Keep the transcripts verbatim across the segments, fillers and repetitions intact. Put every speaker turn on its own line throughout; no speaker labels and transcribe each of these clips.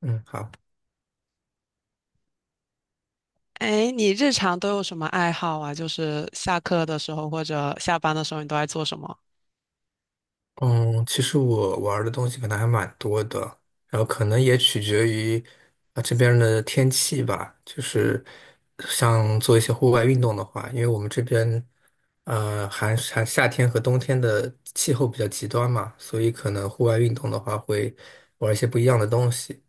嗯，好，
哎，你日常都有什么爱好啊？就是下课的时候或者下班的时候，你都爱做什么？
嗯，其实我玩儿的东西可能还蛮多的，然后可能也取决于啊这边儿的天气吧，就是像做一些户外运动的话，因为我们这边呃还寒夏天和冬天的气候比较极端嘛，所以可能户外运动的话会玩一些不一样的东西。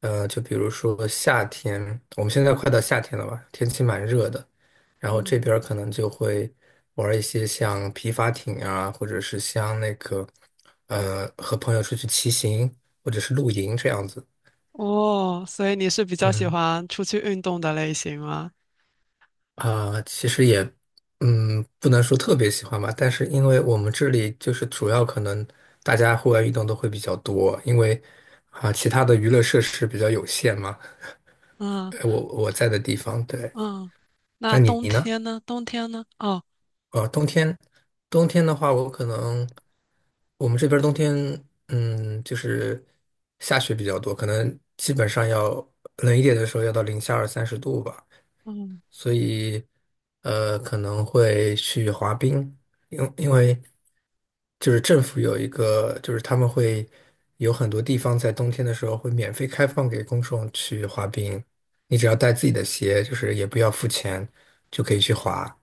呃，就比如说夏天，我们现在快到夏天了吧？天气蛮热的，然后这
嗯，
边儿可能就会玩一些像皮划艇啊，或者是像那个，呃，和朋友出去骑行或者是露营这样子。
哦，所以你是比较喜
嗯
欢出去运动的类型吗？
啊，其实也，嗯，不能说特别喜欢吧，但是因为我们这里就是主要可能大家户外运动都会比较多，因为啊，其他的娱乐设施比较有限嘛，
嗯
呃我我在的地方，对，
嗯，那
那你
冬
呢？
天呢？冬天呢？哦，
呃，冬天，冬天的话，我可能我们这边儿冬天，嗯，就是下雪比较多，可能基本上要冷一点的时候要到零下二三十度吧，
嗯。
所以呃，可能会去滑冰，因因为就是政府有一个，就是他们会有很多地方在冬天的时候会免费开放给公众去滑冰，你只要带自己的鞋，就是也不要付钱，就可以去滑。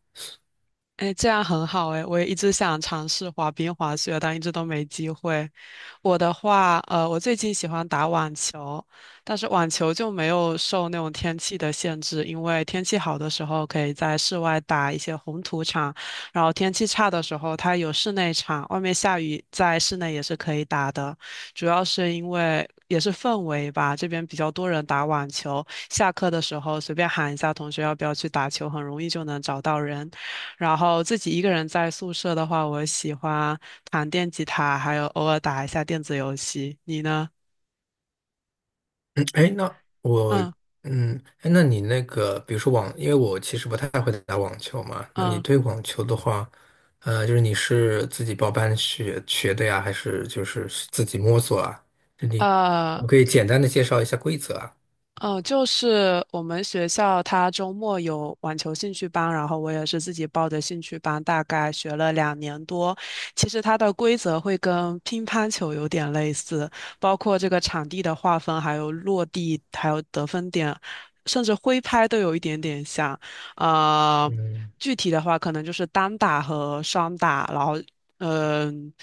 哎，这样很好哎，我也一直想尝试滑冰、滑雪，但一直都没机会。我的话，呃，我最近喜欢打网球，但是网球就没有受那种天气的限制，因为天气好的时候可以在室外打一些红土场，然后天气差的时候它有室内场，外面下雨在室内也是可以打的。主要是因为也是氛围吧，这边比较多人打网球，下课的时候随便喊一下同学要不要去打球，很容易就能找到人。然后自己一个人在宿舍的话，我喜欢弹电吉他，还有偶尔打一下电子游戏。你呢？
嗯，哎，那我，
嗯
嗯，哎，那你那个，比如说网，因为我其实不太会打网球嘛，那你
嗯
对网球的话，呃，就是你是自己报班学学的呀，还是就是自己摸索啊？就你，
呃。
我可以简单的介绍一下规则啊。
呃，就是我们学校它周末有网球兴趣班，然后我也是自己报的兴趣班，大概学了两年多。其实它的规则会跟乒乓球有点类似，包括这个场地的划分，还有落地，还有得分点，甚至挥拍都有一点点像。呃，
嗯
具体的话可能就是单打和双打，然后嗯。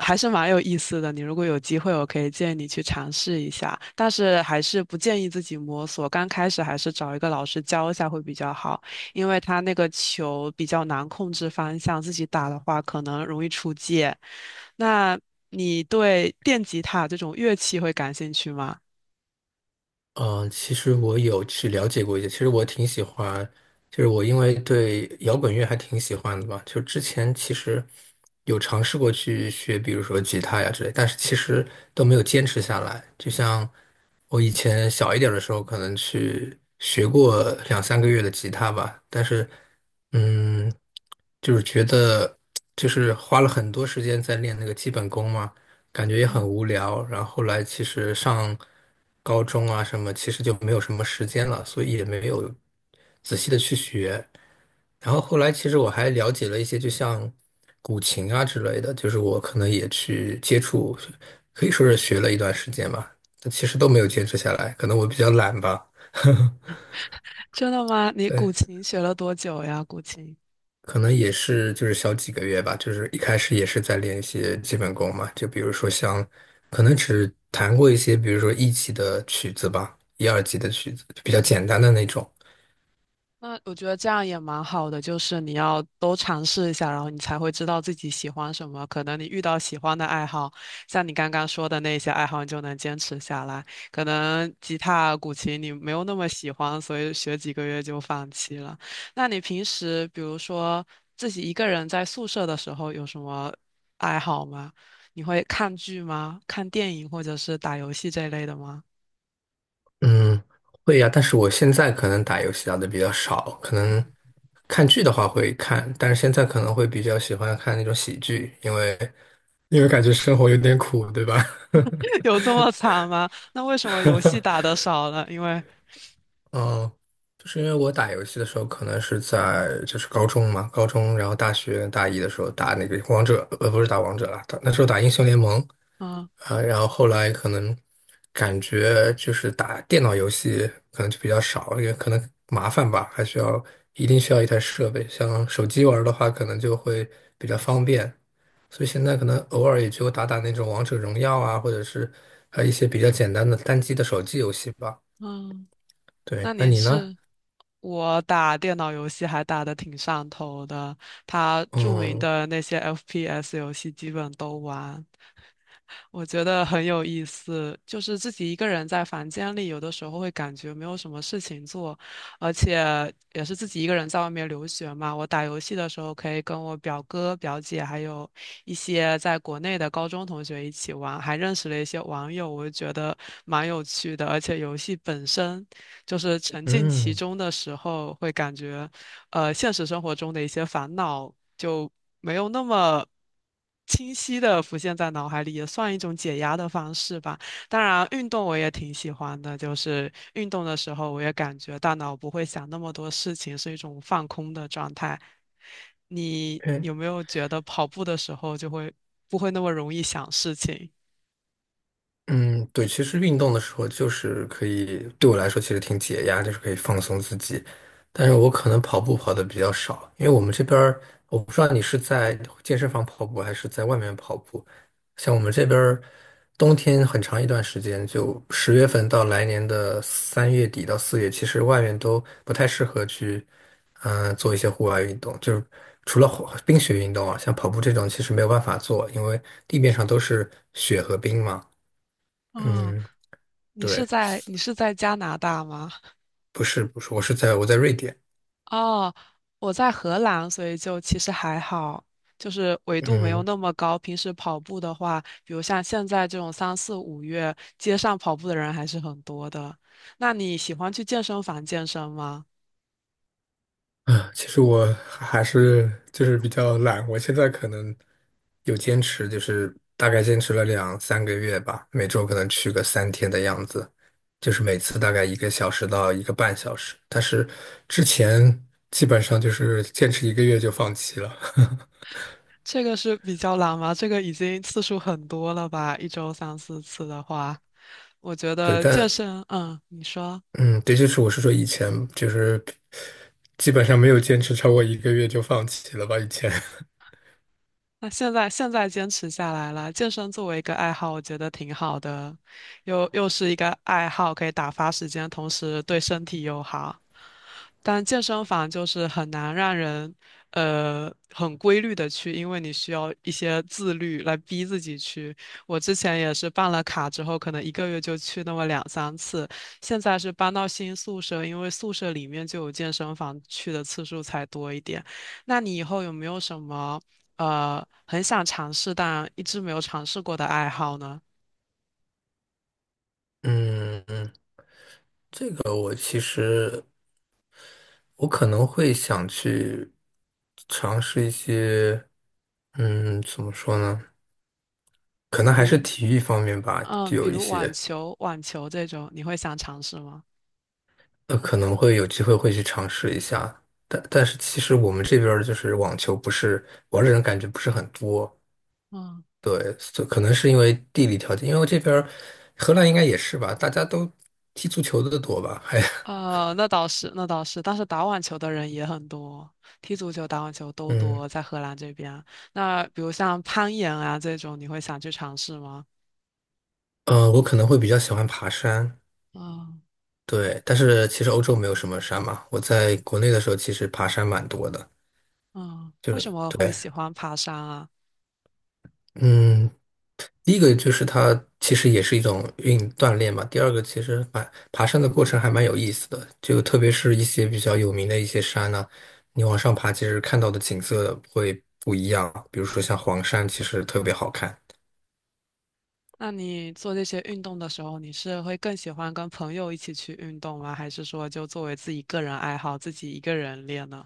还是蛮有意思的。你如果有机会，我可以建议你去尝试一下，但是还是不建议自己摸索。刚开始还是找一个老师教一下会比较好，因为他那个球比较难控制方向，自己打的话可能容易出界。那你对电吉他这种乐器会感兴趣吗？
嗯，呃其实我有去了解过一些，其实我挺喜欢，就是我因为对摇滚乐还挺喜欢的吧，就之前其实有尝试过去学，比如说吉他呀之类，但是其实都没有坚持下来。就像我以前小一点的时候，可能去学过两三个月的吉他吧，但是嗯，就是觉得就是花了很多时间在练那个基本功嘛。感觉也很无聊。然后后来其实上高中啊什么，其实就没有什么时间了，所以也没有仔细的去学。然后后来其实我还了解了一些，就像古琴啊之类的，就是我可能也去接触，可以说是学了一段时间吧，但其实都没有坚持下来，可能我比较懒吧。
真的吗？你古
对。
琴学了多久呀？古琴？
可能也是就是小几个月吧，就是一开始也是在练一些基本功嘛，就比如说像，可能只弹过一些，比如说一级的曲子吧，一二级的曲子，比较简单的那种。
那我觉得这样也蛮好的，就是你要都尝试一下，然后你才会知道自己喜欢什么。可能你遇到喜欢的爱好，像你刚刚说的那些爱好，你就能坚持下来。可能吉他、古琴你没有那么喜欢，所以学几个月就放弃了。那你平时比如说自己一个人在宿舍的时候有什么爱好吗？你会看剧吗？看电影或者是打游戏这类的吗？
嗯，会呀，但是我现在可能打游戏打的比较少，可能看剧的话会看，但是现在可能会比较喜欢看那种喜剧，因为因为感觉生活有点苦，对吧？
有这 么惨吗？那为什么游戏打得少了？因为。
嗯，就是因为我打游戏的时候，可能是在就是高中嘛，高中，然后大学大一的时候打那个王者，呃，不是打王者了，打那时候打英雄联盟啊，然后后来可能感觉就是打电脑游戏可能就比较少，因为可能麻烦吧，还需要一定需要一台设备，像手机玩儿的话，可能就会比较方便，所以现在可能偶尔也就打打那种王者荣耀啊，或者是呃一些比较简单的单机的手机游戏吧。
嗯，
对，
那
那
你
你呢？
是我打电脑游戏还打得挺上头的，它著名
嗯
的那些 F P S 游戏基本都玩，我觉得很有意思，就是自己一个人在房间里，有的时候会感觉没有什么事情做，而且也是自己一个人在外面留学嘛。我打游戏的时候可以跟我表哥、表姐，还有一些在国内的高中同学一起玩，还认识了一些网友，我就觉得蛮有趣的。而且游戏本身就是沉浸其
嗯，
中的时候，会感觉。呃现实生活中的一些烦恼就没有那么清晰的浮现在脑海里，也算一种解压的方式吧。当然，运动我也挺喜欢的，就是运动的时候，我也感觉大脑不会想那么多事情，是一种放空的状态。你
对。
有没有觉得跑步的时候就会不会那么容易想事情？
嗯，对，其实运动的时候就是可以，对我来说其实挺解压，就是可以放松自己。但是我可能跑步跑的比较少，因为我们这边儿，我不知道你是在健身房跑步还是在外面跑步。像我们这边儿，冬天很长一段时间，就十月份到来年的三月底到四月，其实外面都不太适合去，嗯、做一些户外运动。就是除了滑冰雪运动啊，像跑步这种其实没有办法做，因为地面上都是雪和冰嘛。
嗯，
嗯，
你是
对，
在你是在加拿大吗？
不是不是，我是在我在瑞典。
哦，我在荷兰，所以就其实还好，就是纬度没有
嗯
那么高。平时跑步的话，比如像现在这种三四五月，街上跑步的人还是很多的。那你喜欢去健身房健身吗？
啊，其实我还是就是比较懒，我现在可能有坚持，就是大概坚持了两三个月吧，每周可能去个三天的样子，就是每次大概一个小时到一个半小时。但是之前基本上就是坚持一个月就放弃了。
这个是比较难吗？这个已经次数很多了吧？一周三四次的话，我觉
对，
得健
但
身，嗯，你说。
嗯，对，就是我是说以前就是基本上没有坚持超过一个月就放弃了吧，以前。
那现在现在坚持下来了，健身作为一个爱好，我觉得挺好的，又又是一个爱好，可以打发时间，同时对身体又好。但健身房就是很难让人呃很规律的去，因为你需要一些自律来逼自己去。我之前也是办了卡之后，可能一个月就去那么两三次，现在是搬到新宿舍，因为宿舍里面就有健身房，去的次数才多一点。那你以后有没有什么？呃很想尝试但一直没有尝试过的爱好呢？
嗯嗯，呃，我其实我可能会想去尝试一些，嗯，怎么说呢？可能还
比
是
如
体育方面吧，
嗯，
就
比
有一
如网
些，
球、网球这种，你会想尝试吗？
呃，可能会有机会会去尝试一下。但但是其实我们这边儿就是网球不是玩儿的人感觉不是很多，
嗯，
对，所可能是因为地理条件，因为这边儿荷兰应该也是吧，大家都踢足球的多吧，还，
呃，那倒是，那倒是，但是打网球的人也很多，踢足球、打网球都
嗯，
多，在荷兰这边。那比如像攀岩啊这种，你会想去尝试吗？
呃，我可能会比较喜欢爬山。
嗯
对，但是其实欧洲没有什么山嘛。我在国内的时候，其实爬山蛮多的。
嗯，
就
为什
是
么会
对，
喜欢爬山啊？
嗯，第一个就是它其实也是一种运锻炼嘛。第二个其实蛮爬山的过程还蛮有意思的，就特别是一些比较有名的一些山呢、你往上爬，其实看到的景色会不一样。比如说像黄山，其实特别好看。
那你做这些运动的时候，你是会更喜欢跟朋友一起去运动吗？还是说就作为自己个人爱好，自己一个人练呢？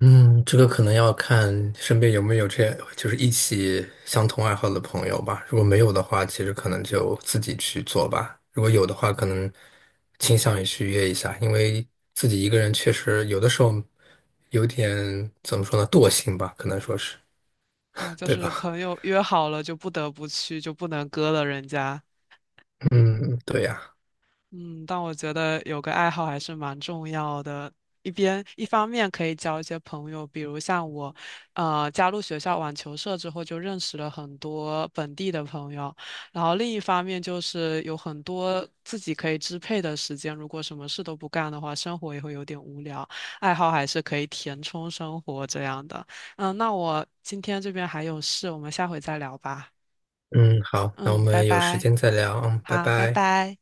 嗯，这个可能要看身边有没有这，就是一起相同爱好的朋友吧。如果没有的话，其实可能就自己去做吧。如果有的话，可能倾向于去约一下，因为自己一个人确实有的时候有点，怎么说呢，惰性吧，可能说是，
啊，就
对
是
吧？
朋友约好了就不得不去，就不能割了人家。
嗯，对呀。
嗯，但我觉得有个爱好还是蛮重要的。一边一方面可以交一些朋友，比如像我，呃，加入学校网球社之后，就认识了很多本地的朋友。然后另一方面就是有很多自己可以支配的时间，如果什么事都不干的话，生活也会有点无聊。爱好还是可以填充生活这样的。嗯，那我今天这边还有事，我们下回再聊吧。
嗯，好，那我
嗯，拜
们有时
拜。
间再聊，嗯，拜
好，拜
拜。
拜。